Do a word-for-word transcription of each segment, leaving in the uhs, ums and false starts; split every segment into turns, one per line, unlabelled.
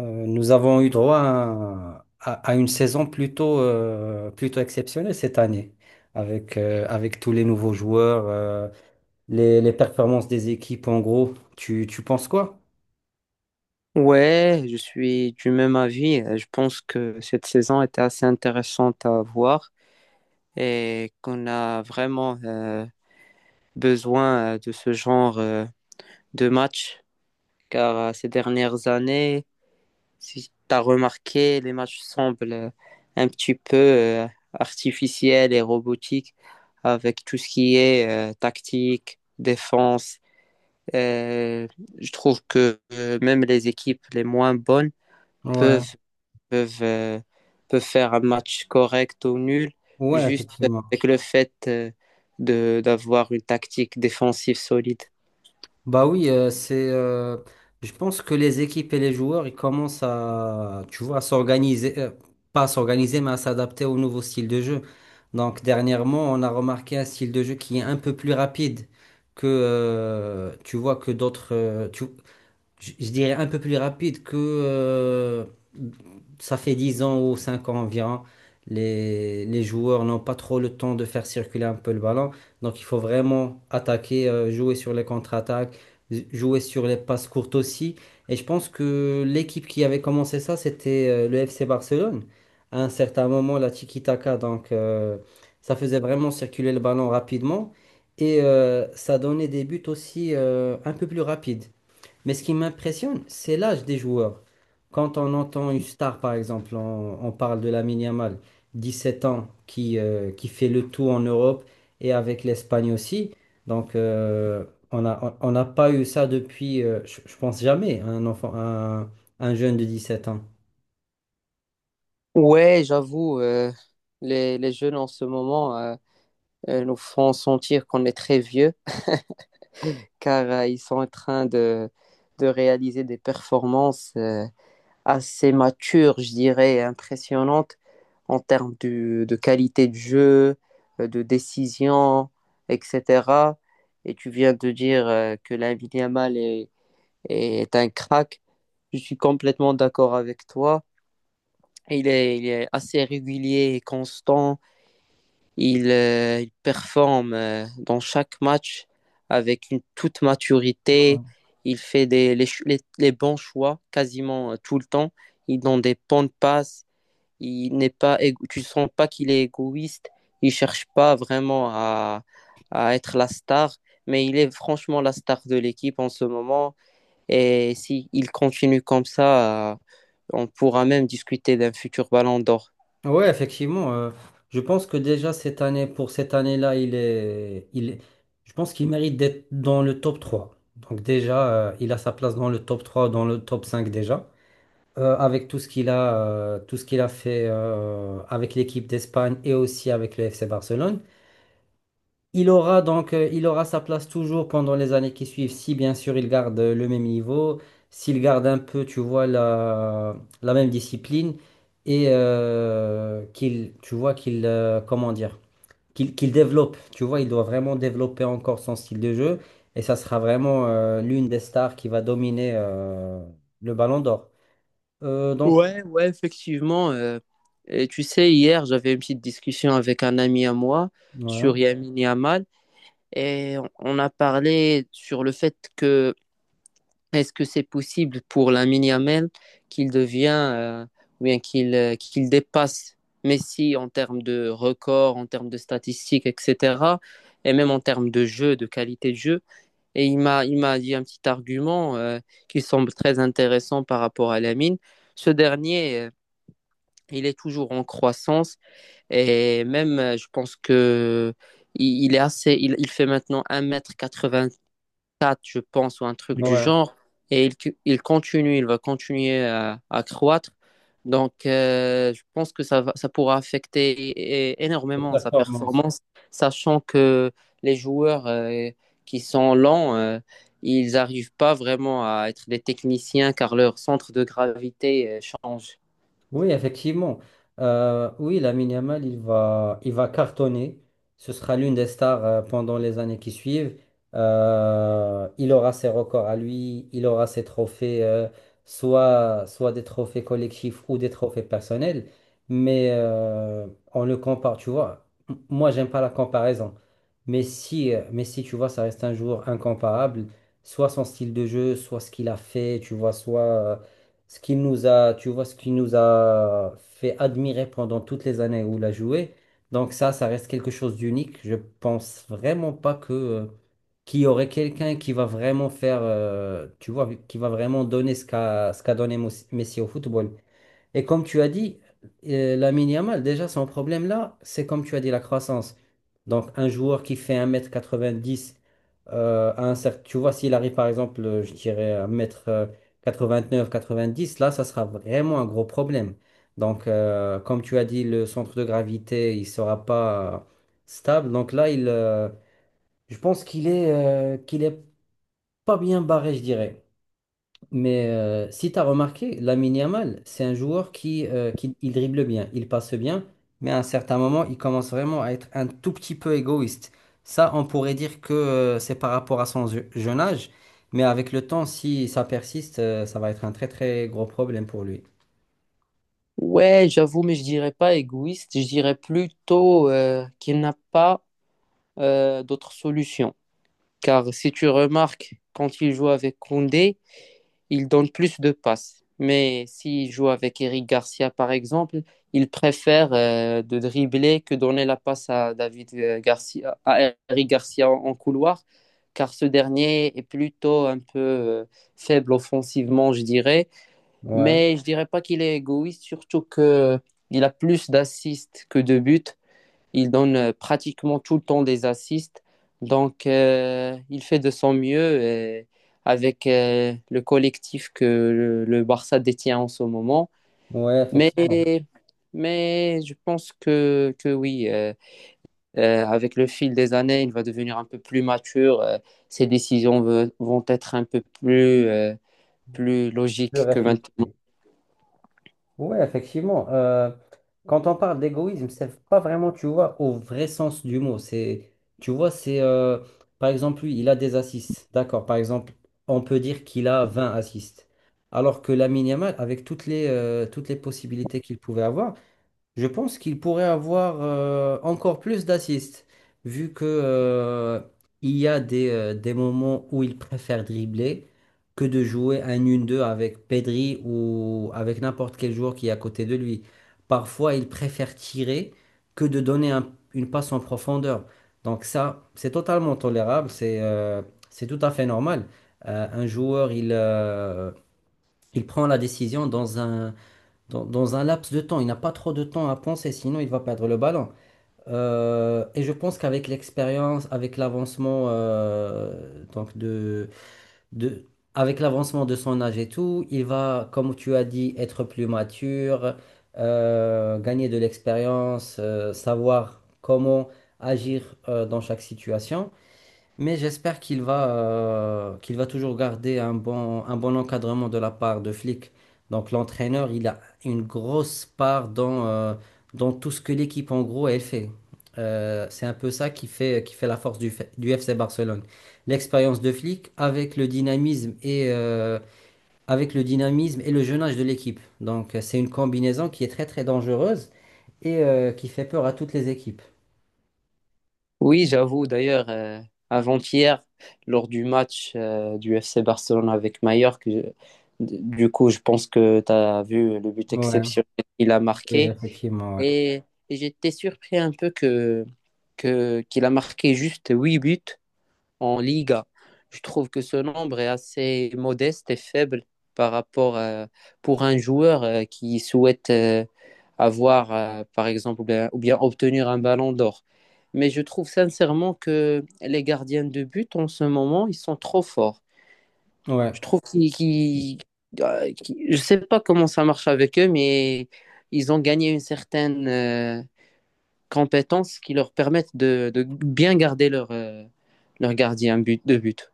Euh, nous avons eu droit à, à- à une saison plutôt, euh, plutôt exceptionnelle cette année, avec, euh, avec tous les nouveaux joueurs, euh, les, les performances des équipes en gros. Tu, tu penses quoi?
Ouais, je suis du même avis. Euh, Je pense que cette saison était assez intéressante à voir et qu'on a vraiment euh, besoin euh, de ce genre euh, de match car euh, ces dernières années, si tu as remarqué, les matchs semblent euh, un petit peu euh, artificiels et robotiques avec tout ce qui est euh, tactique, défense. Euh, je trouve que euh, même les équipes les moins bonnes
Ouais,
peuvent peuvent, euh, peuvent faire un match correct ou nul,
ouais,
juste
effectivement.
avec le fait euh, de, d'avoir une tactique défensive solide.
Bah oui, euh, c'est, euh, je pense que les équipes et les joueurs, ils commencent à, tu vois, à s'organiser, euh, pas à s'organiser, mais à s'adapter au nouveau style de jeu. Donc dernièrement, on a remarqué un style de jeu qui est un peu plus rapide que, euh, tu vois, que d'autres. euh, tu, je, je dirais un peu plus rapide que, euh, ça fait dix ans ou cinq ans environ, les, les joueurs n'ont pas trop le temps de faire circuler un peu le ballon. Donc il faut vraiment attaquer, euh, jouer sur les contre-attaques, jouer sur les passes courtes aussi. Et je pense que l'équipe qui avait commencé ça, c'était, euh, le F C Barcelone. À un certain moment, la tiki-taka, donc, euh, ça faisait vraiment circuler le ballon rapidement. Et, euh, ça donnait des buts aussi, euh, un peu plus rapides. Mais ce qui m'impressionne, c'est l'âge des joueurs. Quand on entend une star, par exemple, on, on parle de Lamine Yamal, 17 ans, qui, euh, qui fait le tour en Europe et avec l'Espagne aussi. Donc, euh, on a, on on n'a pas eu ça depuis, euh, je, je pense jamais, un enfant, un, un jeune de 17 ans.
Ouais, j'avoue, euh, les, les jeunes en ce moment euh, euh, nous font sentir qu'on est très vieux, car euh, ils sont en train de, de réaliser des performances euh, assez mature, je dirais, et impressionnante en termes de, de qualité de jeu, euh, de décision, et cetera. Et tu viens de dire euh, que Lamine Yamal est, est un crack. Je suis complètement d'accord avec toi. Il est, il est assez régulier et constant. Il, euh, il performe euh, dans chaque match avec une toute maturité.
Ouais.
Il fait des, les, ch- les- les bons choix quasiment euh, tout le temps. Il donne des bonnes passes. Il n'est pas, égo- tu sens pas qu'il est égoïste. Il cherche pas vraiment à, à être la star, mais il est franchement la star de l'équipe en ce moment. Et si il continue comme ça, euh, on pourra même discuter d'un futur Ballon d'Or.
Ouais, effectivement. Euh, je pense que déjà cette année, pour cette année-là, il est, il est- je pense qu'il mérite d'être dans le top trois. Donc déjà, euh, il a sa place dans le top trois, dans le top cinq déjà. Euh, avec tout ce qu'il a, euh, tout ce qu'il a fait, euh, avec l'équipe d'Espagne et aussi avec le F C Barcelone. Il aura donc, euh, il aura sa place toujours pendant les années qui suivent, si bien sûr il garde, euh, le même niveau, s'il garde un peu, tu vois, la, la même discipline et, euh, qu'il, tu vois, qu'il, euh, comment dire, qu'il qu'il développe, tu vois, il doit vraiment développer encore son style de jeu et ça sera vraiment, euh, l'une des stars qui va dominer, euh, le Ballon d'Or. Euh, donc,
Ouais, ouais, effectivement. Euh, et tu sais, hier, j'avais une petite discussion avec un ami à moi
ouais,
sur Yamin Yamal et on on a parlé sur le fait que est-ce que c'est possible pour Lamine Yamal qu'il devient, euh, ou bien qu'il euh, qu'il dépasse Messi en termes de records, en termes de statistiques, et cetera. Et même en termes de jeu, de qualité de jeu. Et il m'a, il m'a dit un petit argument euh, qui semble très intéressant par rapport à Lamine. Ce dernier euh, il est toujours en croissance et même euh, je pense que il, il est assez il, il fait maintenant un mètre quatre-vingt-quatre je pense ou un truc du
ouais,
genre et il, cu- il continue il va continuer à, à croître donc euh, je pense que ça va- ça pourra affecter é-
cette
énormément sa
performance.
performance sachant que les joueurs euh, qui sont lents euh, ils n'arrivent pas vraiment à être des techniciens car leur centre de gravité euh, change.
Oui, effectivement. Euh, oui, Lamine Yamal, il va, il va cartonner. Ce sera l'une des stars, euh, pendant les années qui suivent. Euh, il aura ses records à lui, il aura ses trophées, euh, soit, soit des trophées collectifs ou des trophées personnels. Mais, euh, on le compare, tu vois. M- Moi, j'aime pas la comparaison. Mais si, euh, mais si, tu vois, ça reste un joueur incomparable. Soit son style de jeu, soit ce qu'il a fait, tu vois, soit. Euh, ce qui nous a, tu vois, ce qui nous a fait admirer pendant toutes les années où il a joué. Donc ça, ça reste quelque chose d'unique. Je pense vraiment pas que euh, qu'il y aurait quelqu'un qui va vraiment faire, euh, tu vois, qui va vraiment donner ce qu'a ce qu'a donné Mos- Messi au football. Et comme tu as dit, euh, Lamine Yamal, déjà, son problème là, c'est comme tu as dit, la croissance. Donc, un joueur qui fait un mètre quatre-vingt-dix, euh, à un certain, tu vois, s'il arrive par exemple, euh, je dirais un mètre, euh, quatre-vingt-neuf quatre-vingt-dix là, ça sera vraiment un gros problème. Donc, euh, comme tu as dit, le centre de gravité, il sera pas, euh, stable. Donc là, il, euh, je pense qu'il est, euh, qu'il est pas bien barré, je dirais. Mais, euh, si tu as remarqué, Lamine Yamal, c'est un joueur qui, euh, qui il dribble bien, il passe bien, mais à un certain moment, il commence vraiment à être un tout petit peu égoïste. Ça, on pourrait dire que, euh, c'est par rapport à son je- jeune âge, mais avec le temps, si ça persiste, euh, ça va être un très très gros problème pour lui.
Ouais, j'avoue, mais je dirais pas égoïste, je dirais plutôt euh, qu'il n'a pas euh, d'autre solution. Car si tu remarques, quand il joue avec Koundé, il donne plus de passes. Mais s'il joue avec Eric Garcia, par exemple, il préfère euh, de dribbler que donner la passe à David euh, Garcia, à Eric Garcia en, en couloir, car ce dernier est plutôt un peu euh, faible offensivement, je dirais,
Ouais,
mais je dirais pas qu'il est égoïste, surtout que il a plus d'assists que de buts. Il donne euh, pratiquement tout le temps des assists. Donc, euh, il fait de son mieux et avec euh, le collectif que le, le Barça détient en ce moment.
ouais,
Mais,
effectivement.
mais je pense que, que oui, euh, euh, avec le fil des années, il va devenir un peu plus mature. Euh, ses décisions ve- vont être un peu plus, euh, plus
Je
logiques que maintenant.
réfléchis. Ouais, effectivement. Euh, quand on parle d'égoïsme, c'est pas vraiment, tu vois, au vrai sens du mot. C'est, tu vois, c'est, euh, par exemple, lui, il a des assists. D'accord. Par exemple, on peut dire qu'il a vingt assists. Alors que la Yamal, avec toutes les, euh, toutes les possibilités qu'il pouvait avoir, je pense qu'il pourrait avoir, euh, encore plus d'assists, vu que, euh, il y a des, euh, des moments où il préfère dribbler que de jouer un une deux avec Pedri ou avec n'importe quel joueur qui est à côté de lui. Parfois, il préfère tirer que de donner un- une passe en profondeur. Donc ça, c'est totalement tolérable, c'est euh, c'est tout à fait normal. Euh, un joueur, il, euh, il prend la décision dans un dans, dans un laps de temps. Il n'a pas trop de temps à penser, sinon il va perdre le ballon. Euh, et je pense qu'avec l'expérience, avec l'avancement euh, donc de, de, avec l'avancement de son âge et tout, il va, comme tu as dit, être plus mature, euh, gagner de l'expérience, euh, savoir comment agir, euh, dans chaque situation. Mais j'espère qu'il va, euh, qu'il va toujours garder un bon, un bon encadrement de la part de Flick. Donc l'entraîneur, il a une grosse part dans, euh, dans tout ce que l'équipe en gros elle fait. Euh, c'est un peu ça qui fait, qui fait la force du, F- du F C Barcelone. L'expérience de Flick avec le dynamisme et, euh, avec le dynamisme et le jeune âge de l'équipe. Donc, euh, c'est une combinaison qui est très très dangereuse et, euh, qui fait peur à toutes les équipes.
Oui, j'avoue. D'ailleurs, euh, avant-hier, lors du match euh, du F C Barcelone avec Mallorca, je- du coup, je pense que tu as vu le but
Ouais,
exceptionnel qu'il a
oui,
marqué.
effectivement, ouais.
Et, et j'étais surpris un peu que, que, qu'il a marqué juste huit buts en Liga. Je trouve que ce nombre est assez modeste et faible par rapport euh, pour un joueur euh, qui souhaite euh, avoir, euh, par exemple, ou bien, ou bien obtenir un ballon d'or. Mais je trouve sincèrement que les gardiens de but en ce moment, ils sont trop forts.
Ouais.
Je trouve qu'ils, qu'ils- euh, qu'ils- je sais pas comment ça marche avec eux, mais ils ont gagné une certaine euh, compétence qui leur permettent de, de bien garder leur, euh, leur gardien but, de but.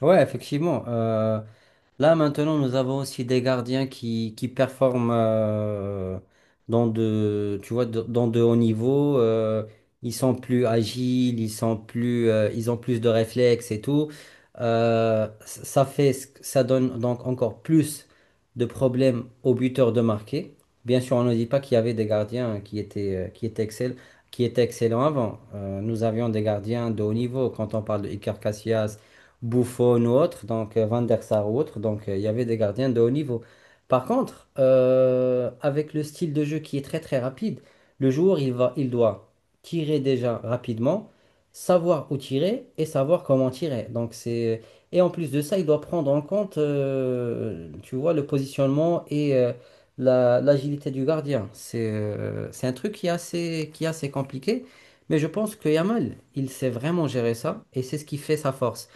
Ouais, effectivement. Euh, là, maintenant, nous avons aussi des gardiens qui, qui performent, euh, dans de, tu vois, de- dans de hauts niveaux. Euh, ils sont plus agiles, ils sont plus, euh, ils ont plus de réflexes et tout. Euh, c- ça fait, ce que- Ça donne donc encore plus de problèmes aux buteurs de marquer. Bien sûr, on ne dit pas qu'il y avait des gardiens qui étaient, euh, qui étaient excellents, qui étaient excellents avant. Euh, nous avions des gardiens de haut niveau. Quand on parle de Iker Casillas, Buffon ou autre, donc, euh, Van der Sar ou autre. Donc, euh, il y avait des gardiens de haut niveau. Par contre, euh, avec le style de jeu qui est très très rapide, le joueur il va, il doit tirer déjà rapidement, savoir où tirer et savoir comment tirer. Donc c'est et en plus de ça, il doit prendre en compte, euh, tu vois, le positionnement et, euh, la- l'agilité du gardien. C'est euh, c'est un truc qui est assez, qui est assez compliqué, mais je pense que Yamal, il sait vraiment gérer ça et c'est ce qui fait sa force.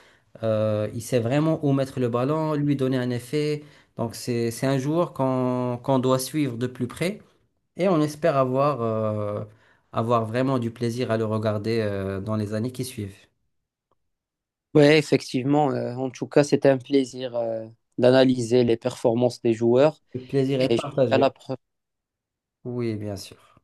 Euh, il sait vraiment où mettre le ballon, lui donner un effet. Donc c'est, c'est un joueur qu'on qu'on doit suivre de plus près et on espère avoir, euh, avoir vraiment du plaisir à le regarder, euh, dans les années qui suivent.
Oui, effectivement. Euh, en tout cas, c'était un plaisir euh, d'analyser les performances des joueurs.
Le plaisir est
Et je te dis à la
partagé.
prochaine.
Oui, bien sûr.